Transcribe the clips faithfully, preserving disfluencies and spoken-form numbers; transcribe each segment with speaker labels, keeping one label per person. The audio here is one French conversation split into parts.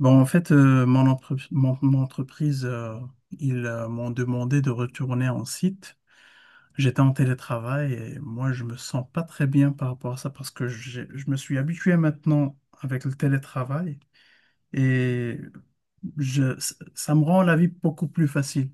Speaker 1: Bon, en fait, euh, mon, entrep- mon- mon entreprise, euh, ils euh, m'ont demandé de retourner en site. J'étais en télétravail et moi, je me sens pas très bien par rapport à ça parce que j'ai- je me suis habitué maintenant avec le télétravail et je, ça me rend la vie beaucoup plus facile.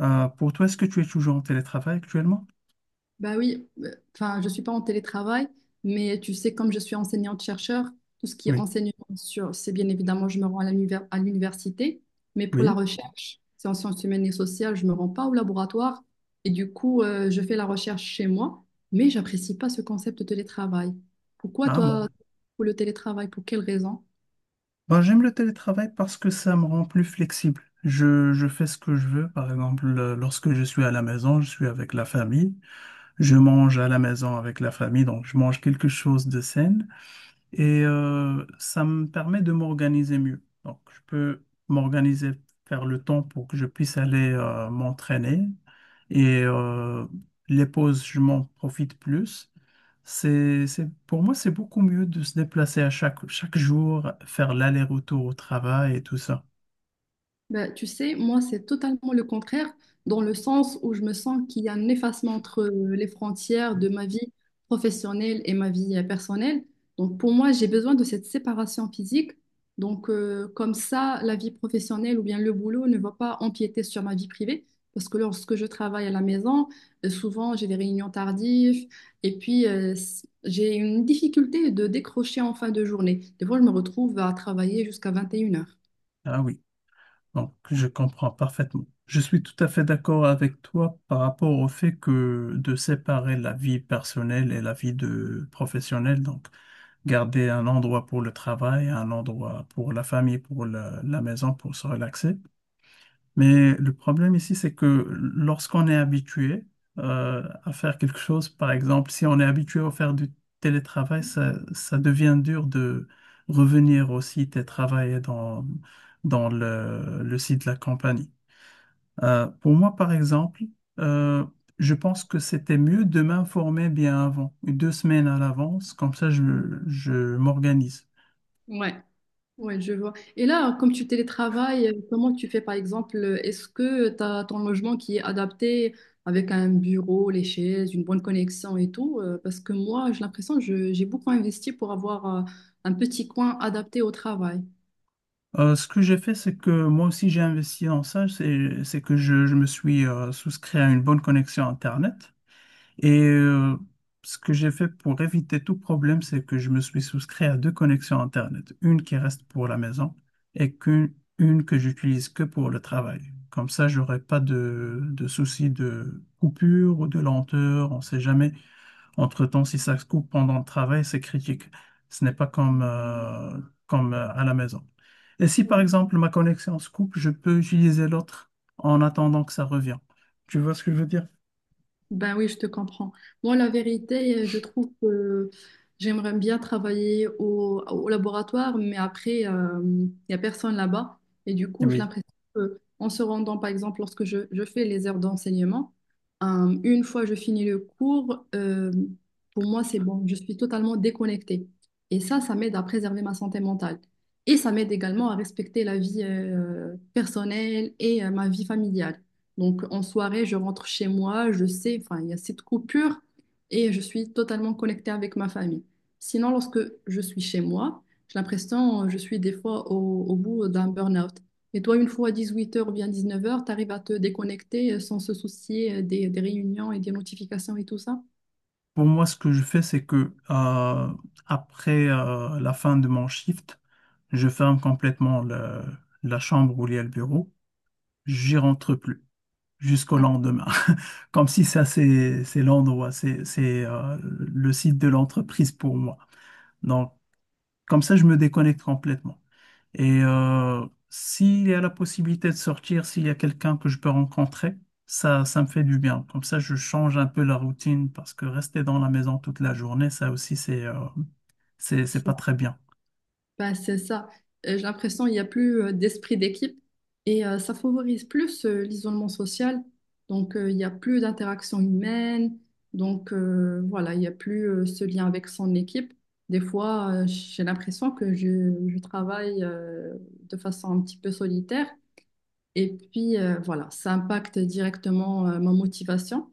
Speaker 1: Euh, pour toi, est-ce que tu es toujours en télétravail actuellement?
Speaker 2: Bah oui, euh, enfin, je suis pas en télétravail, mais tu sais, comme je suis enseignante-chercheur, tout ce qui est
Speaker 1: Oui.
Speaker 2: enseignement sur, c'est bien évidemment, je me rends à l'univers- à l'université, mais pour la
Speaker 1: Oui.
Speaker 2: recherche, c'est en sciences humaines et sociales, je me rends pas au laboratoire, et du coup, euh, je fais la recherche chez moi, mais j'apprécie pas ce concept de télétravail. Pourquoi
Speaker 1: Ah bon.
Speaker 2: toi, pour le télétravail, pour quelle raison?
Speaker 1: Ben, j'aime le télétravail parce que ça me rend plus flexible. Je, je fais ce que je veux. Par exemple, euh, lorsque je suis à la maison, je suis avec la famille. Je mange à la maison avec la famille, donc je mange quelque chose de sain. Et euh, ça me permet de m'organiser mieux. Donc, je peux m'organiser, faire le temps pour que je puisse aller euh, m'entraîner. Et euh, les pauses, je m'en profite plus. C'est, c'est, pour moi, c'est beaucoup mieux de se déplacer à chaque, chaque jour, faire l'aller-retour au travail et tout ça.
Speaker 2: Ben, tu sais, moi, c'est totalement le contraire, dans le sens où je me sens qu'il y a un effacement entre euh, les frontières de ma vie professionnelle et ma vie euh, personnelle. Donc, pour moi, j'ai besoin de cette séparation physique. Donc, euh, comme ça, la vie professionnelle ou bien le boulot ne va pas empiéter sur ma vie privée. Parce que lorsque je travaille à la maison, euh, souvent, j'ai des réunions tardives. Et puis, euh, c- j'ai une difficulté de décrocher en fin de journée. Des fois, je me retrouve à travailler jusqu'à vingt et une heures.
Speaker 1: Ah oui, donc je comprends parfaitement. Je suis tout à fait d'accord avec toi par rapport au fait que de séparer la vie personnelle et la vie de professionnelle, donc garder un endroit pour le travail, un endroit pour la famille, pour la, la maison, pour se relaxer. Mais le problème ici, c'est que lorsqu'on est habitué euh, à faire quelque chose, par exemple, si on est habitué à faire du télétravail, ça, ça devient dur de revenir au site et travailler dans, dans le, le site de la compagnie. Euh, pour moi, par exemple, euh, je pense que c'était mieux de m'informer bien avant, deux semaines à l'avance, comme ça je, je m'organise.
Speaker 2: Ouais. Ouais, je vois. Et là, comme tu télétravailles, euh, comment tu fais par exemple? euh, Est-ce que tu as ton logement qui est adapté avec un bureau, les chaises, une bonne connexion et tout? euh, Parce que moi, j'ai l'impression que je- j'ai beaucoup investi pour avoir euh, un petit coin adapté au travail.
Speaker 1: Euh, ce que j'ai fait, c'est que moi aussi j'ai investi dans ça, c'est c'est que je, je me suis euh, souscrit à une bonne connexion Internet. Et euh, Ce que j'ai fait pour éviter tout problème, c'est que je me suis souscrit à deux connexions Internet, une qui reste pour la maison et qu'une une que j'utilise que pour le travail. Comme ça, j'aurai pas de, de soucis de coupure ou de lenteur, on sait jamais. Entre-temps, si ça se coupe pendant le travail, c'est critique. Ce n'est pas comme, euh, comme euh, à la maison. Et si par exemple ma connexion se coupe, je peux utiliser l'autre en attendant que ça revienne. Tu vois ce que je veux dire?
Speaker 2: Ben oui, je te comprends. Moi, la vérité, euh, je trouve que j'aimerais bien travailler au, au laboratoire, mais après, euh, il n'y a personne là-bas. Et du coup, j'ai
Speaker 1: Oui.
Speaker 2: l'impression que, en se rendant, par exemple, lorsque je, je fais les heures d'enseignement, euh, une fois je finis le cours, euh, pour moi, c'est bon. Je suis totalement déconnectée. Et ça, ça m'aide à préserver ma santé mentale. Et ça m'aide également à respecter la vie, euh, personnelle et, euh, ma vie familiale. Donc en soirée, je rentre chez moi, je sais, enfin, il y a cette coupure et je suis totalement connectée avec ma famille. Sinon, lorsque je suis chez moi, j'ai l'impression euh, je suis des fois au, au bout d'un burn-out. Et toi, une fois à dix-huit heures ou bien dix-neuf heures, tu arrives à te déconnecter euh, sans se soucier euh, des, des réunions et des notifications et tout ça?
Speaker 1: Pour moi, ce que je fais, c'est que euh, après euh, la fin de mon shift, je ferme complètement le- la chambre où il y a le bureau. J'y rentre plus jusqu'au
Speaker 2: Ouais.
Speaker 1: lendemain. Comme si ça, c'est c'est l'endroit, c'est c'est, euh, le site de l'entreprise pour moi. Donc, comme ça, je me déconnecte complètement. Et euh, s'il y a la possibilité de sortir, s'il y a quelqu'un que je peux rencontrer, ça, ça me fait du bien. Comme ça, je change un peu la routine parce que rester dans la maison toute la journée, ça aussi, c'est euh, c'est, c'est pas très bien.
Speaker 2: Bah, c'est ça. Euh, J'ai l'impression qu'il n'y a plus euh, d'esprit d'équipe et euh, ça favorise plus euh, l'isolement social. Donc, euh, il n'y a plus d'interaction humaine. Donc, euh, voilà, il n'y a plus euh, ce lien avec son équipe. Des fois, euh, j'ai l'impression que je, je travaille euh, de façon un petit peu solitaire. Et puis, euh, voilà, ça impacte directement euh, ma motivation.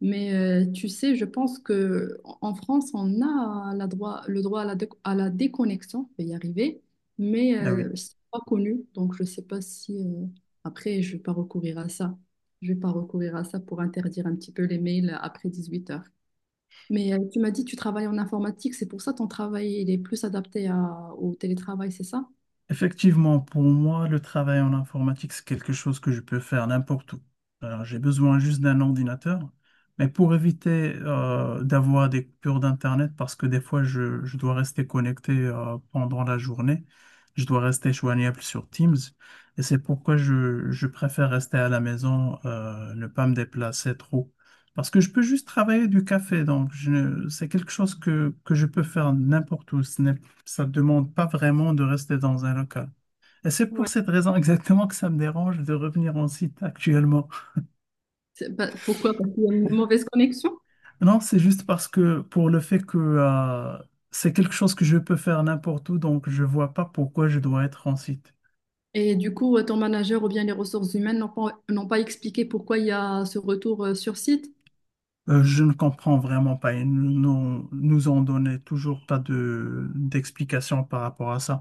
Speaker 2: Mais euh, tu sais, je pense que en en France, on a la droit, le droit à la, déco- à la déconnexion, je vais y arriver, mais
Speaker 1: Ah oui.
Speaker 2: euh, c'est pas connu, donc je sais pas si euh, après je vais pas recourir à ça. Je vais pas recourir à ça pour interdire un petit peu les mails après dix-huit heures. Mais euh, tu m'as dit que tu travailles en informatique, c'est pour ça ton travail il est plus adapté à- au télétravail, c'est ça?
Speaker 1: Effectivement, pour moi, le travail en informatique, c'est quelque chose que je peux faire n'importe où. Alors, j'ai besoin juste d'un ordinateur, mais pour éviter euh, d'avoir des coupures d'Internet, parce que des fois, je, je dois rester connecté euh, pendant la journée, je dois rester joignable sur Teams, et c'est pourquoi je, je préfère rester à la maison, euh, ne pas me déplacer trop. Parce que je peux juste travailler du café, donc je ne- c'est quelque chose que, que je peux faire n'importe où. Ça ne demande pas vraiment de rester dans un local. Et c'est pour
Speaker 2: Ouais.
Speaker 1: cette raison exactement que ça me dérange de revenir en site actuellement.
Speaker 2: C'est- bah, pourquoi? Parce qu'il y a une mauvaise connexion?
Speaker 1: Non, c'est juste parce que pour le fait que euh, c'est quelque chose que je peux faire n'importe où, donc je vois pas pourquoi je dois être en site.
Speaker 2: Et du coup, euh, ton manager ou bien les ressources humaines n'ont pas, n'ont pas expliqué pourquoi il y a ce retour euh, sur site.
Speaker 1: Euh, je ne comprends vraiment pas. Ils nous, nous ont donné toujours pas de d'explication par rapport à ça.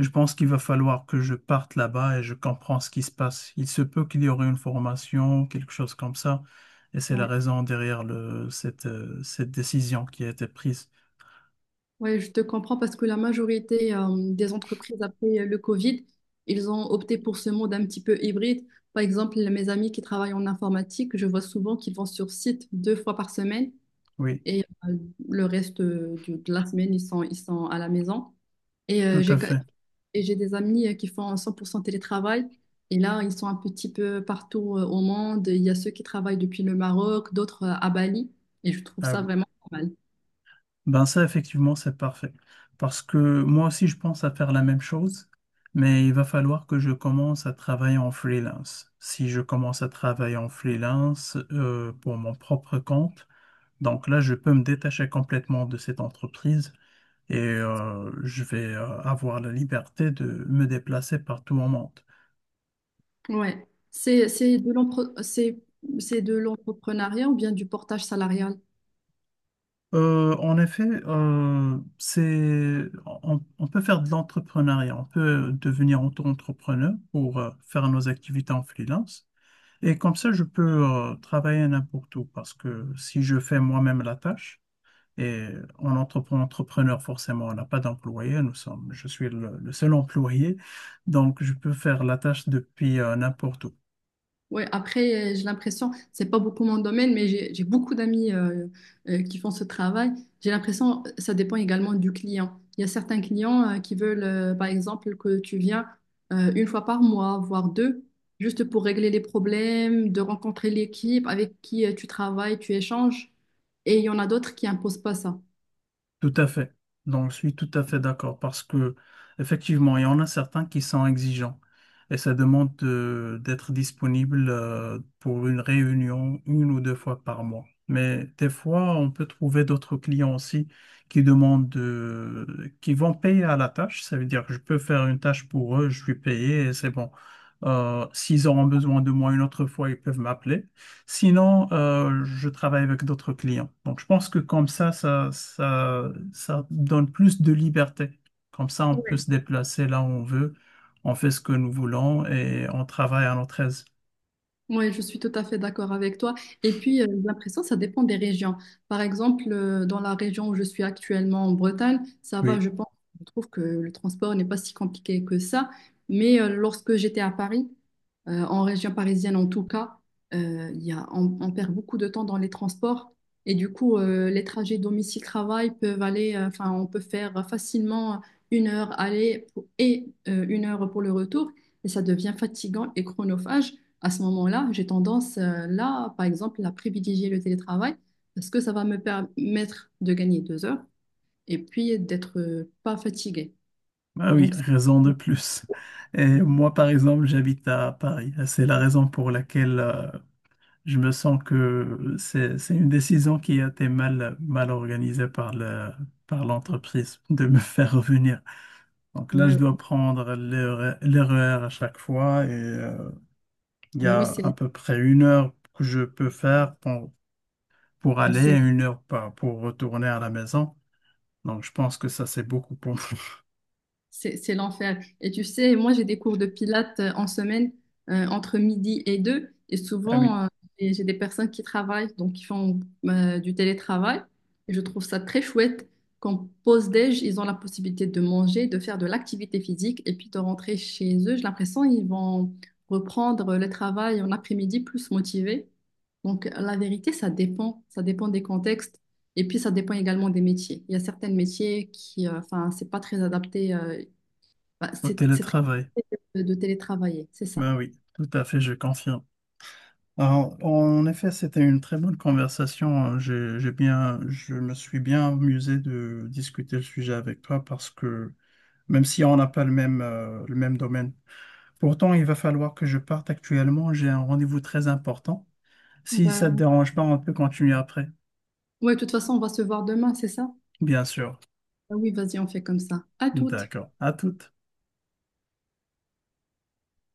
Speaker 1: Je pense qu'il va falloir que je parte là-bas et je comprends ce qui se passe. Il se peut qu'il y aurait une formation, quelque chose comme ça, et c'est la
Speaker 2: Ouais.
Speaker 1: raison derrière le, cette, euh, cette décision qui a été prise.
Speaker 2: Ouais, je te comprends parce que la majorité euh, des entreprises après euh, le Covid, ils ont opté pour ce mode un petit peu hybride. Par exemple, mes amis qui travaillent en informatique, je vois souvent qu'ils vont sur site deux fois par semaine
Speaker 1: Oui,
Speaker 2: et euh, le reste euh, du- de la semaine, ils sont, ils sont à la maison. Et euh,
Speaker 1: tout à
Speaker 2: j'ai,
Speaker 1: fait.
Speaker 2: et j'ai des amis euh, qui font cent pour cent télétravail. Et là, ils sont un petit peu partout euh, au monde. Il y a ceux qui travaillent depuis le Maroc, d'autres euh, à Bali. Et je trouve
Speaker 1: Ah
Speaker 2: ça
Speaker 1: oui.
Speaker 2: vraiment pas mal.
Speaker 1: Ben ça, effectivement, c'est parfait. Parce que moi aussi, je pense à faire la même chose, mais il va falloir que je commence à travailler en freelance. Si je commence à travailler en freelance euh, pour mon propre compte, donc là, je peux me détacher complètement de cette entreprise et euh, je vais euh, avoir la liberté de me déplacer partout au monde.
Speaker 2: Ouais. C'est, c'est de l'empre- c'est, c'est de l'entrepreneuriat ou bien du portage salarial?
Speaker 1: Euh, en effet, euh, c'est, on, on peut faire de l'entrepreneuriat, on peut devenir auto-entrepreneur pour euh, faire nos activités en freelance. Et comme ça, je peux euh, travailler n'importe où parce que si je fais moi-même la tâche, et en entrepreneur, entrepreneur forcément, on n'a pas d'employé, nous sommes, je suis le, le seul employé, donc je peux faire la tâche depuis euh, n'importe où.
Speaker 2: Ouais, après, euh, j'ai l'impression, c'est pas beaucoup mon domaine, mais j'ai j'ai beaucoup d'amis euh, euh, qui font ce travail. J'ai l'impression, euh, ça dépend également du client. Il y a certains clients euh, qui veulent, euh, par exemple, que tu viens euh, une fois par mois, voire deux, juste pour régler les problèmes, de rencontrer l'équipe avec qui euh, tu travailles, tu échanges. Et il y en a d'autres qui imposent pas ça.
Speaker 1: Tout à fait. Donc, je suis tout à fait d'accord parce que, effectivement, il y en a certains qui sont exigeants et ça demande de- d'être disponible euh, pour une réunion une ou deux fois par mois. Mais des fois, on peut trouver d'autres clients aussi qui demandent de- qui vont payer à la tâche. Ça veut dire que je peux faire une tâche pour eux, je suis payé et c'est bon. Euh, s'ils auront besoin de moi une autre fois, ils peuvent m'appeler. Sinon, euh, je travaille avec d'autres clients. Donc, je pense que comme ça, ça, ça, ça donne plus de liberté. Comme ça, on peut se déplacer là où on veut, on fait ce que nous voulons et on travaille à notre aise.
Speaker 2: Oui, je suis tout à fait d'accord avec toi. Et puis, euh, j'ai l'impression, ça dépend des régions. Par exemple, euh, dans la région où je suis actuellement en Bretagne, ça va,
Speaker 1: Oui.
Speaker 2: je pense, je trouve que le transport n'est pas si compliqué que ça. Mais euh, lorsque j'étais à Paris, euh, en région parisienne en tout cas, euh, il y a, on, on perd beaucoup de temps dans les transports. Et du coup, euh, les trajets domicile-travail peuvent aller, euh, enfin, on peut faire facilement une heure aller pour- et euh, une heure pour le retour. Et ça devient fatigant et chronophage à ce moment-là, j'ai tendance, euh, là, par exemple, à privilégier le télétravail parce que ça va me permettre de gagner deux heures et puis d'être euh, pas fatiguée.
Speaker 1: Ah oui,
Speaker 2: Donc, c'est-
Speaker 1: raison de plus. Et moi, par exemple, j'habite à Paris. C'est la raison pour laquelle euh, je me sens que c'est, c'est une décision qui a été mal, mal organisée par le, par l'entreprise de me faire revenir. Donc là,
Speaker 2: ouais,
Speaker 1: je
Speaker 2: ouais.
Speaker 1: dois prendre l'erre- l'erreur à chaque fois et euh, il y
Speaker 2: Bah oui,
Speaker 1: a
Speaker 2: c'est,
Speaker 1: à peu près une heure que je peux faire pour, pour
Speaker 2: bah,
Speaker 1: aller et
Speaker 2: c'est-
Speaker 1: une heure par- pour retourner à la maison. Donc je pense que ça, c'est beaucoup pour moi.
Speaker 2: C'est, c'est l'enfer. Et tu sais, moi, j'ai des cours de pilates euh, en semaine euh, entre midi et deux. Et
Speaker 1: Ah oui,
Speaker 2: souvent, euh, et j'ai des personnes qui travaillent, donc qui font euh, du télétravail. Et je trouve ça très chouette. Qu'en pause-déj, ils ont la possibilité de manger, de faire de l'activité physique et puis de rentrer chez eux. J'ai l'impression qu'ils vont reprendre le travail en après-midi plus motivés. Donc, la vérité, ça dépend. Ça dépend des contextes. Et puis, ça dépend également des métiers. Il y a certains métiers qui, euh, enfin, c'est pas très adapté. Euh, bah,
Speaker 1: au
Speaker 2: c'est c'est très
Speaker 1: télétravail.
Speaker 2: compliqué de, de télétravailler, c'est ça.
Speaker 1: Ben oui, tout à fait, je confirme. Alors, en effet, c'était une très bonne conversation. J'ai, j'ai bien, je me suis bien amusé de discuter le sujet avec toi parce que même si on n'a pas le même, euh, le même domaine. Pourtant, il va falloir que je parte actuellement. J'ai un rendez-vous très important. Si ça te
Speaker 2: Bah,
Speaker 1: dérange pas, on peut continuer après.
Speaker 2: ouais, de toute façon, on va se voir demain, c'est ça?
Speaker 1: Bien sûr.
Speaker 2: Ah oui, vas-y, on fait comme ça. À toutes.
Speaker 1: D'accord. À toutes.